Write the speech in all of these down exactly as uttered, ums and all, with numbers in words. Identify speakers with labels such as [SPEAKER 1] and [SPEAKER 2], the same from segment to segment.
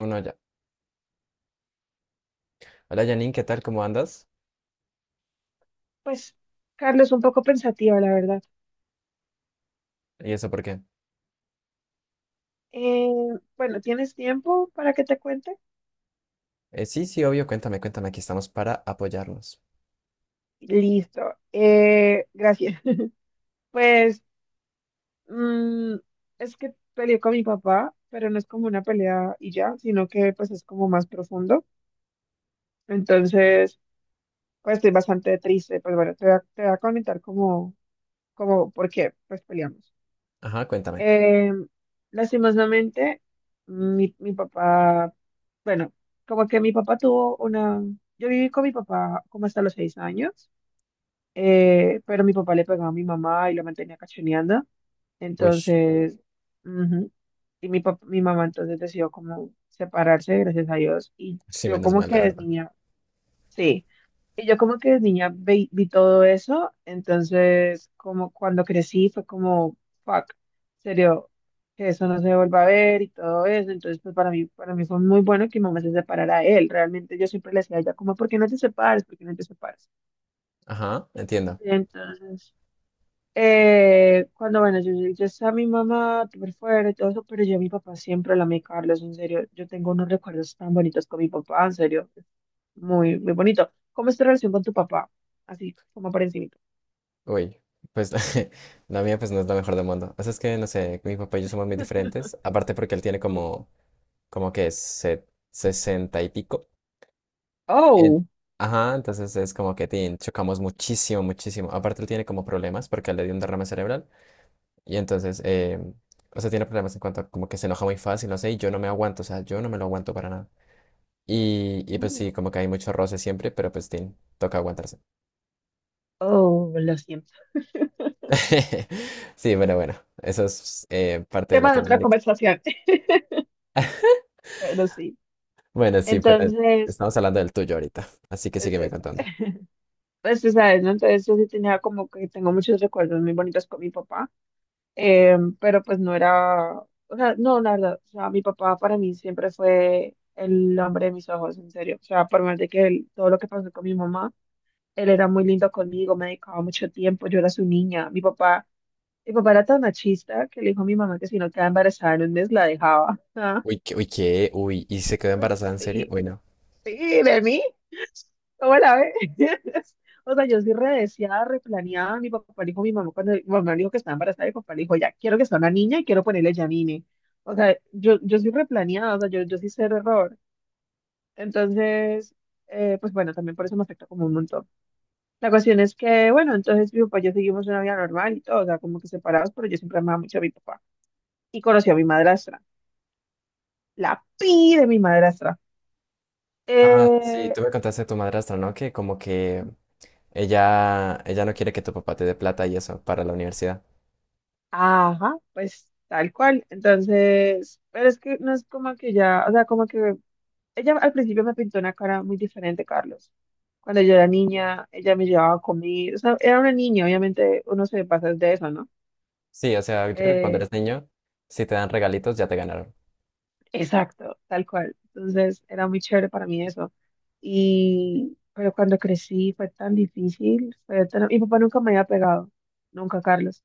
[SPEAKER 1] Uno ya. Hola Janine, ¿qué tal? ¿Cómo andas?
[SPEAKER 2] Pues, Carlos, un poco pensativa, la verdad.
[SPEAKER 1] ¿Y eso por qué?
[SPEAKER 2] Eh, bueno, ¿tienes tiempo para que te cuente?
[SPEAKER 1] Eh, sí, sí, obvio, cuéntame, cuéntame, aquí estamos para apoyarnos.
[SPEAKER 2] Listo. Eh, gracias. Pues, mm, es que peleé con mi papá, pero no es como una pelea y ya, sino que pues es como más profundo. Entonces, pues estoy bastante triste. Pues bueno, te voy a, te voy a comentar como, como por qué pues peleamos.
[SPEAKER 1] Ajá, cuéntame.
[SPEAKER 2] Eh, Lastimosamente, mi, mi papá, bueno, como que mi papá tuvo una, yo viví con mi papá como hasta los seis años. Eh, pero mi papá le pegaba a mi mamá y lo mantenía cachoneando,
[SPEAKER 1] Uy,
[SPEAKER 2] entonces, ujú, y mi, pap- mi mamá entonces decidió como separarse, gracias a Dios, y
[SPEAKER 1] sí,
[SPEAKER 2] yo
[SPEAKER 1] menos
[SPEAKER 2] como
[SPEAKER 1] mal,
[SPEAKER 2] que
[SPEAKER 1] la
[SPEAKER 2] desde
[SPEAKER 1] verdad.
[SPEAKER 2] niña, sí. Y yo como que de niña vi, vi todo eso, entonces como cuando crecí fue como, fuck, en serio, que eso no se vuelva a ver y todo eso. Entonces pues para mí, para mí fue muy bueno que mi mamá se separara de él. Realmente yo siempre le decía a ella como, ¿por qué no te separas? ¿Por qué no te separas?
[SPEAKER 1] Ajá, entiendo.
[SPEAKER 2] Entonces, eh, cuando, bueno, yo, yo, yo estaba, mi mamá súper fuerte y todo eso, pero yo a mi papá siempre la amé, Carlos, en serio. Yo tengo unos recuerdos tan bonitos con mi papá, en serio. Es Muy, muy bonito. ¿Cómo es tu relación con tu papá? Así, como por encima.
[SPEAKER 1] Uy, pues la mía pues no es la mejor del mundo. O sea, es que, no sé, mi papá y yo somos muy diferentes, aparte porque él tiene como, como que se- sesenta y pico. En-
[SPEAKER 2] Oh,
[SPEAKER 1] Ajá, entonces es como que tin, chocamos muchísimo, muchísimo. Aparte él tiene como problemas porque le dio un derrame cerebral. Y entonces, eh, o sea, tiene problemas en cuanto a como que se enoja muy fácil, no sé, y yo no me aguanto, o sea, yo no me lo aguanto para nada. Y, y pues sí, como que hay mucho roce siempre, pero pues tin, toca aguantarse.
[SPEAKER 2] oh, lo siento.
[SPEAKER 1] Sí, bueno, bueno, eso es eh, parte de
[SPEAKER 2] Tema de otra
[SPEAKER 1] Latinoamérica.
[SPEAKER 2] conversación. Bueno, sí.
[SPEAKER 1] Bueno, sí, pero
[SPEAKER 2] Entonces,
[SPEAKER 1] estamos hablando del tuyo ahorita, así que
[SPEAKER 2] es
[SPEAKER 1] sígueme
[SPEAKER 2] eso.
[SPEAKER 1] contando.
[SPEAKER 2] Pues tú sabes, ¿no? Entonces yo sí tenía, como que tengo muchos recuerdos muy bonitos con mi papá. Eh, pero pues no era, o sea, no, la verdad, o sea, mi papá para mí siempre fue el hombre de mis ojos, en serio. O sea, por más de que él- todo lo que pasó con mi mamá, él era muy lindo conmigo, me dedicaba mucho tiempo, yo era su niña. Mi papá, mi papá era tan machista que le dijo a mi mamá que si no quedaba embarazada en un mes la dejaba.
[SPEAKER 1] Uy, ¿qué- uy, ¿qué? Uy, ¿y se
[SPEAKER 2] Ah,
[SPEAKER 1] quedó embarazada
[SPEAKER 2] pues
[SPEAKER 1] en serio?
[SPEAKER 2] sí.
[SPEAKER 1] Uy, no.
[SPEAKER 2] Sí, de mí. ¿Cómo la ves? O sea, yo sí redeseada, replaneada. Mi papá le dijo, mi mamá, cuando mi mamá le dijo que estaba embarazada, mi papá le dijo, ya, quiero que sea una niña y quiero ponerle Janine. O sea, yo, yo soy replaneada, o sea, yo, yo sí sé error. Entonces, eh, pues bueno, también por eso me afecta como un montón. La cuestión es que, bueno, entonces mi papá y yo seguimos una vida normal y todo, o sea, como que separados, pero yo siempre amaba mucho a mi papá. Y conocí a mi madrastra, la pi de mi madrastra.
[SPEAKER 1] Ah, sí,
[SPEAKER 2] Eh,
[SPEAKER 1] tú me contaste de tu madrastra, ¿no? Que como que ella, ella no quiere que tu papá te dé plata y eso para la universidad.
[SPEAKER 2] Ajá, pues tal cual. Entonces, pero es que no es como que ya, o sea, como que ella al principio me pintó una cara muy diferente, Carlos. Cuando yo era niña, ella me llevaba a comer, o sea, era una niña, obviamente uno se pasa de eso, ¿no?
[SPEAKER 1] Sí, o sea, yo creo que cuando
[SPEAKER 2] Eh,
[SPEAKER 1] eres niño, si te dan regalitos, ya te ganaron.
[SPEAKER 2] exacto, tal cual. Entonces, era muy chévere para mí eso. Y, pero cuando crecí fue tan difícil, fue tan- mi papá nunca me había pegado, nunca, Carlos.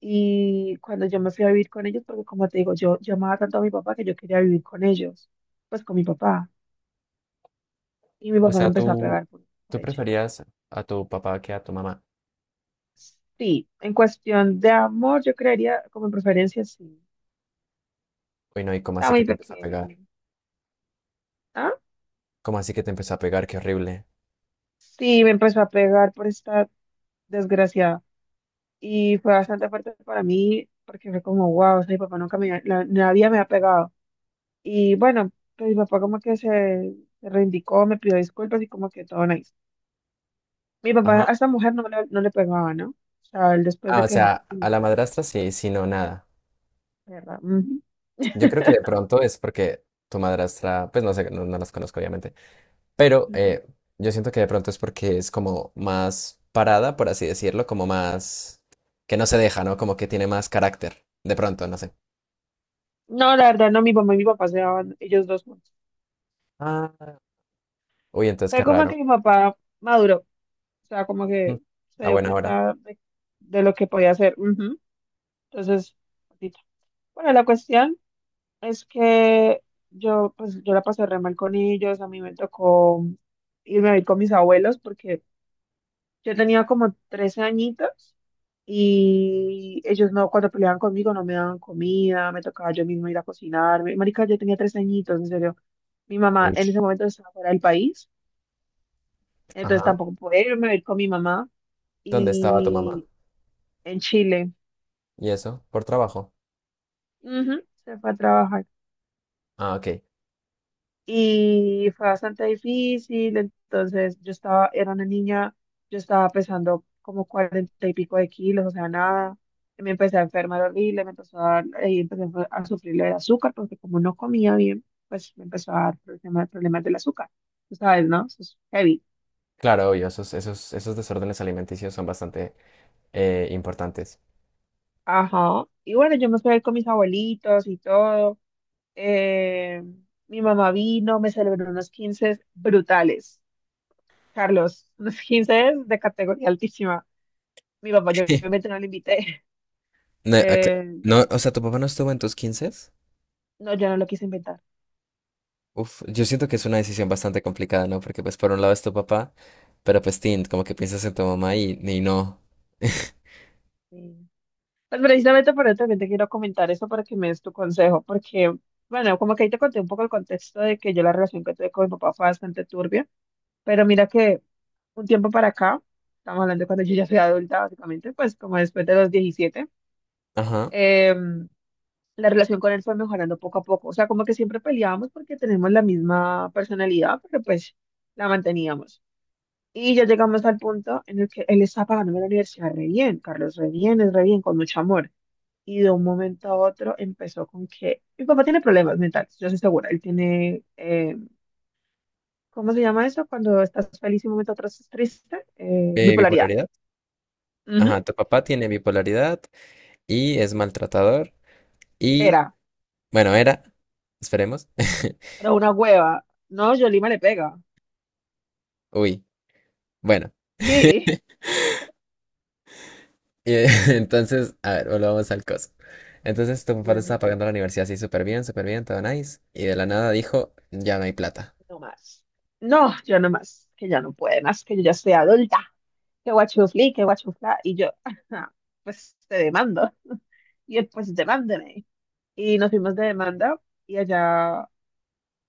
[SPEAKER 2] Y cuando yo me fui a vivir con ellos, porque como te digo, yo, yo amaba tanto a mi papá que yo quería vivir con ellos, pues con mi papá. Y mi
[SPEAKER 1] O
[SPEAKER 2] papá me
[SPEAKER 1] sea,
[SPEAKER 2] empezó a
[SPEAKER 1] tú,
[SPEAKER 2] pegar por, por
[SPEAKER 1] tú
[SPEAKER 2] ella.
[SPEAKER 1] preferías a tu papá que a tu mamá.
[SPEAKER 2] Sí, en cuestión de amor, yo creería como en preferencia, sí.
[SPEAKER 1] Uy, no, ¿y cómo
[SPEAKER 2] Está
[SPEAKER 1] así que
[SPEAKER 2] muy
[SPEAKER 1] te empezó a pegar?
[SPEAKER 2] pequeño. ¿Ah?
[SPEAKER 1] ¿Cómo así que te empezó a pegar? Qué horrible.
[SPEAKER 2] Sí, me empezó a pegar por esta desgraciada. Y fue bastante fuerte para mí, porque fue como, wow, o sea, mi papá nunca me, la- nadie me ha pegado. Y bueno, pues mi papá como que se, se reivindicó, me pidió disculpas y como que todo nice. Mi papá
[SPEAKER 1] Ajá.
[SPEAKER 2] a esta mujer no le, no le pegaba, ¿no? O sea, él después
[SPEAKER 1] Ah,
[SPEAKER 2] de
[SPEAKER 1] o
[SPEAKER 2] que dejó
[SPEAKER 1] sea, a
[SPEAKER 2] conmigo,
[SPEAKER 1] la madrastra sí, sí, no, nada.
[SPEAKER 2] ¿verdad? Ujú,
[SPEAKER 1] Yo creo que de pronto es porque tu madrastra, pues no sé, no, no las conozco obviamente, pero
[SPEAKER 2] ujú.
[SPEAKER 1] eh, yo siento que de pronto es porque es como más parada, por así decirlo, como más que no se deja, ¿no? Como que tiene más carácter, de pronto, no sé.
[SPEAKER 2] No, la verdad, no, mi mamá y mi papá se daban ellos dos juntos.
[SPEAKER 1] Ah. Uy, entonces
[SPEAKER 2] Fue
[SPEAKER 1] qué
[SPEAKER 2] como que
[SPEAKER 1] raro.
[SPEAKER 2] mi papá maduró, o sea, como
[SPEAKER 1] Mm.
[SPEAKER 2] que se
[SPEAKER 1] A
[SPEAKER 2] dio
[SPEAKER 1] buena hora.
[SPEAKER 2] cuenta de, de lo que podía hacer. Ujú. Entonces, poquito. Bueno, la cuestión es que yo, pues, yo la pasé re mal con ellos. A mí me tocó irme a vivir con mis abuelos porque yo tenía como trece añitos, y ellos no, cuando peleaban conmigo no me daban comida, me tocaba yo mismo ir a cocinar. Mi- Marica, yo tenía trece añitos, en serio. Mi mamá
[SPEAKER 1] Uy.
[SPEAKER 2] en ese momento estaba fuera del país, entonces
[SPEAKER 1] Ajá.
[SPEAKER 2] tampoco podía irme a ir con mi mamá.
[SPEAKER 1] ¿Dónde estaba tu mamá?
[SPEAKER 2] Y en Chile,
[SPEAKER 1] ¿Y eso? ¿Por trabajo?
[SPEAKER 2] ujú, se fue a trabajar.
[SPEAKER 1] Ah, ok.
[SPEAKER 2] Y fue bastante difícil. Entonces yo estaba, era una niña, yo estaba pesando como cuarenta y pico de kilos, o sea, nada. Me empecé a enfermar horrible, me empezó a dar, ahí empecé a a sufrir lo del azúcar, porque como no comía bien, pues me empezó a dar problemas, problemas del azúcar. Tú sabes, ¿no? Eso es heavy.
[SPEAKER 1] Claro, obvio, esos, esos, esos desórdenes alimenticios son bastante eh, importantes.
[SPEAKER 2] Ajá. Y bueno, yo me fui a ir con mis abuelitos y todo. Eh, Mi mamá vino, me celebró unos quince brutales, Carlos, unos quince de categoría altísima. Mi papá, yo obviamente no lo invité.
[SPEAKER 1] No, acá-
[SPEAKER 2] Eh,
[SPEAKER 1] no, o sea, ¿tu papá no estuvo en tus quince?
[SPEAKER 2] no, yo no lo quise invitar.
[SPEAKER 1] Uf, yo siento que es una decisión bastante complicada, ¿no? Porque pues por un lado es tu papá, pero pues tin, como que piensas en tu mamá y, y no.
[SPEAKER 2] Sí. Pues precisamente por eso también te quiero comentar eso para que me des tu consejo, porque, bueno, como que ahí te conté un poco el contexto de que yo, la relación que tuve con mi papá fue bastante turbia, pero mira que un tiempo para acá, estamos hablando de cuando yo ya soy adulta, básicamente, pues como después de los diecisiete.
[SPEAKER 1] Ajá.
[SPEAKER 2] em, la relación con él fue mejorando poco a poco. O sea, como que siempre peleábamos porque tenemos la misma personalidad, pero pues la manteníamos. Y ya llegamos al punto en el que él está pagándome la universidad re bien, Carlos, re bien, es re bien, con mucho amor. Y de un momento a otro empezó con que, mi papá tiene problemas mentales, yo estoy segura. Él tiene, eh, ¿cómo se llama eso? Cuando estás feliz y un momento a otro estás triste, eh,
[SPEAKER 1] Eh,
[SPEAKER 2] bipolaridad.
[SPEAKER 1] bipolaridad.
[SPEAKER 2] Ujú,
[SPEAKER 1] Ajá, tu papá
[SPEAKER 2] sí,
[SPEAKER 1] tiene bipolaridad y es
[SPEAKER 2] sí.
[SPEAKER 1] maltratador y,
[SPEAKER 2] Era,
[SPEAKER 1] bueno, era, esperemos.
[SPEAKER 2] era una hueva. No, Yolima le pega.
[SPEAKER 1] Uy. Bueno,
[SPEAKER 2] Sí.
[SPEAKER 1] y, eh, entonces, a ver, volvamos al coso. Entonces tu papá te estaba pagando la universidad así súper bien, súper bien, todo nice. Y de la nada dijo, ya no hay plata.
[SPEAKER 2] No más. No, yo no más. Que ya no puede más, que yo ya soy adulta. Que guachufli, que guachufla. Y yo, "Ajá, pues te demando". Y él, pues demándeme. Y nos fuimos de demanda. Y allá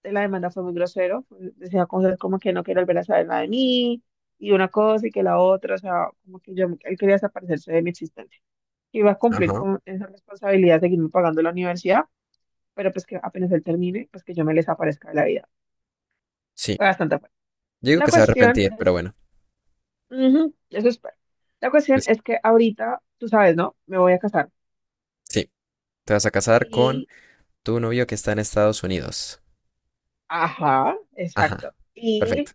[SPEAKER 2] de la demanda fue muy grosero. Decía cosas como que no quiero volver a saber nada de mí. Y una cosa y que la otra. O sea, como que yo, él quería desaparecerse de mi existencia. Iba a cumplir
[SPEAKER 1] Ajá.
[SPEAKER 2] con esa responsabilidad de seguirme pagando la universidad. Pero pues que apenas él termine, pues que yo me les aparezca de la vida.
[SPEAKER 1] Sí,
[SPEAKER 2] Fue bastante fuerte.
[SPEAKER 1] yo digo
[SPEAKER 2] La
[SPEAKER 1] que se va a
[SPEAKER 2] cuestión
[SPEAKER 1] arrepentir,
[SPEAKER 2] es.
[SPEAKER 1] pero bueno.
[SPEAKER 2] Ujú, eso espero. La cuestión
[SPEAKER 1] Pues
[SPEAKER 2] es que ahorita, tú sabes, ¿no? Me voy a casar.
[SPEAKER 1] sí, te vas a casar con
[SPEAKER 2] Y,
[SPEAKER 1] tu novio que está en Estados Unidos.
[SPEAKER 2] ajá, exacto.
[SPEAKER 1] Ajá,
[SPEAKER 2] Y
[SPEAKER 1] perfecto.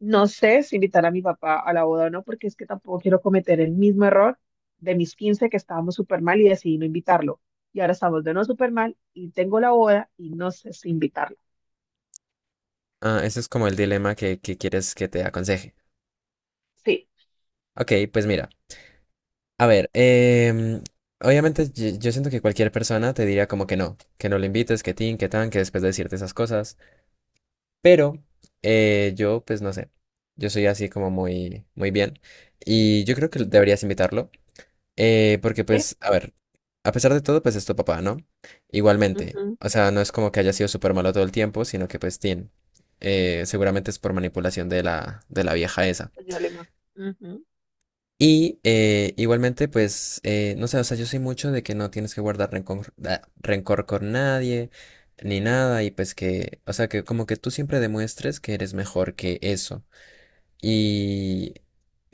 [SPEAKER 2] no sé si invitar a mi papá a la boda o no, porque es que tampoco quiero cometer el mismo error de mis quince, que estábamos súper mal y decidí no invitarlo. Y ahora estamos de no súper mal y tengo la boda y no sé si invitarlo.
[SPEAKER 1] Ah, ese es como el dilema que, que quieres que te aconseje.
[SPEAKER 2] Sí.
[SPEAKER 1] Ok, pues mira, a ver, em, obviamente yo, yo siento que cualquier persona te diría como que no, que no le invites, que tin, que tan, que después de decirte esas cosas. Pero eh, yo, pues no sé, yo soy así como muy, muy bien y yo creo que
[SPEAKER 2] Ujú,
[SPEAKER 1] deberías invitarlo eh, porque
[SPEAKER 2] sí.
[SPEAKER 1] pues, a ver, a pesar de todo, pues es tu papá, ¿no? Igualmente,
[SPEAKER 2] Ujú,
[SPEAKER 1] o sea, no es como que haya sido súper malo todo el tiempo, sino que pues, tiene seguramente es por manipulación de la, de la vieja esa.
[SPEAKER 2] señor Lima. Ujú,
[SPEAKER 1] Y eh, igualmente, pues, eh, no sé, o sea, yo soy mucho de que no tienes que guardar rencor, da- rencor con nadie, ni nada, y pues que, o sea, que como que tú siempre demuestres que eres mejor que eso. Y,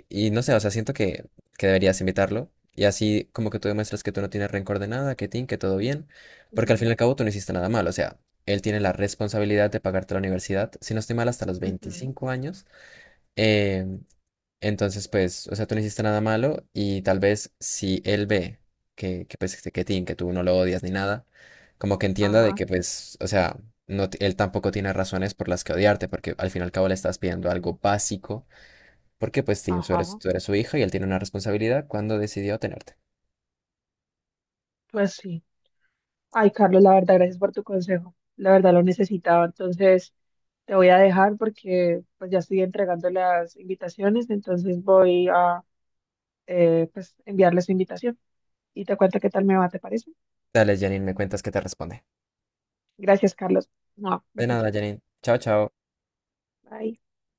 [SPEAKER 1] y no sé, o sea, siento que, que deberías invitarlo. Y así como que tú demuestras que tú no tienes rencor de nada, que tin, que todo bien. Porque al fin
[SPEAKER 2] ujú,
[SPEAKER 1] y al cabo tú no hiciste nada mal. O sea, él tiene la responsabilidad de pagarte la universidad. Si no estoy mal, hasta los
[SPEAKER 2] ujú,
[SPEAKER 1] veinticinco años. Eh, entonces, pues, o sea, tú no hiciste nada malo. Y tal vez si él ve que, que pues, este, que tin, que tú no lo odias ni nada, como que entienda de
[SPEAKER 2] ajá,
[SPEAKER 1] que, pues, o sea, no, t- él tampoco tiene razones por las que odiarte. Porque al fin y al cabo le estás pidiendo algo básico porque pues sí, tú eres,
[SPEAKER 2] ajá.
[SPEAKER 1] tú eres su hijo y él tiene una responsabilidad cuando decidió tenerte.
[SPEAKER 2] Pues sí. Ay, Carlos, la verdad, gracias por tu consejo. La verdad lo necesitaba. Entonces, te voy a dejar porque pues ya estoy entregando las invitaciones, entonces voy a eh, pues enviarles su invitación y te cuento qué tal me va, ¿te parece?
[SPEAKER 1] Dale, Janine, me cuentas qué te responde.
[SPEAKER 2] Gracias, Carlos. No,
[SPEAKER 1] De
[SPEAKER 2] besitos.
[SPEAKER 1] nada, Janine. Chao, chao.
[SPEAKER 2] Bye.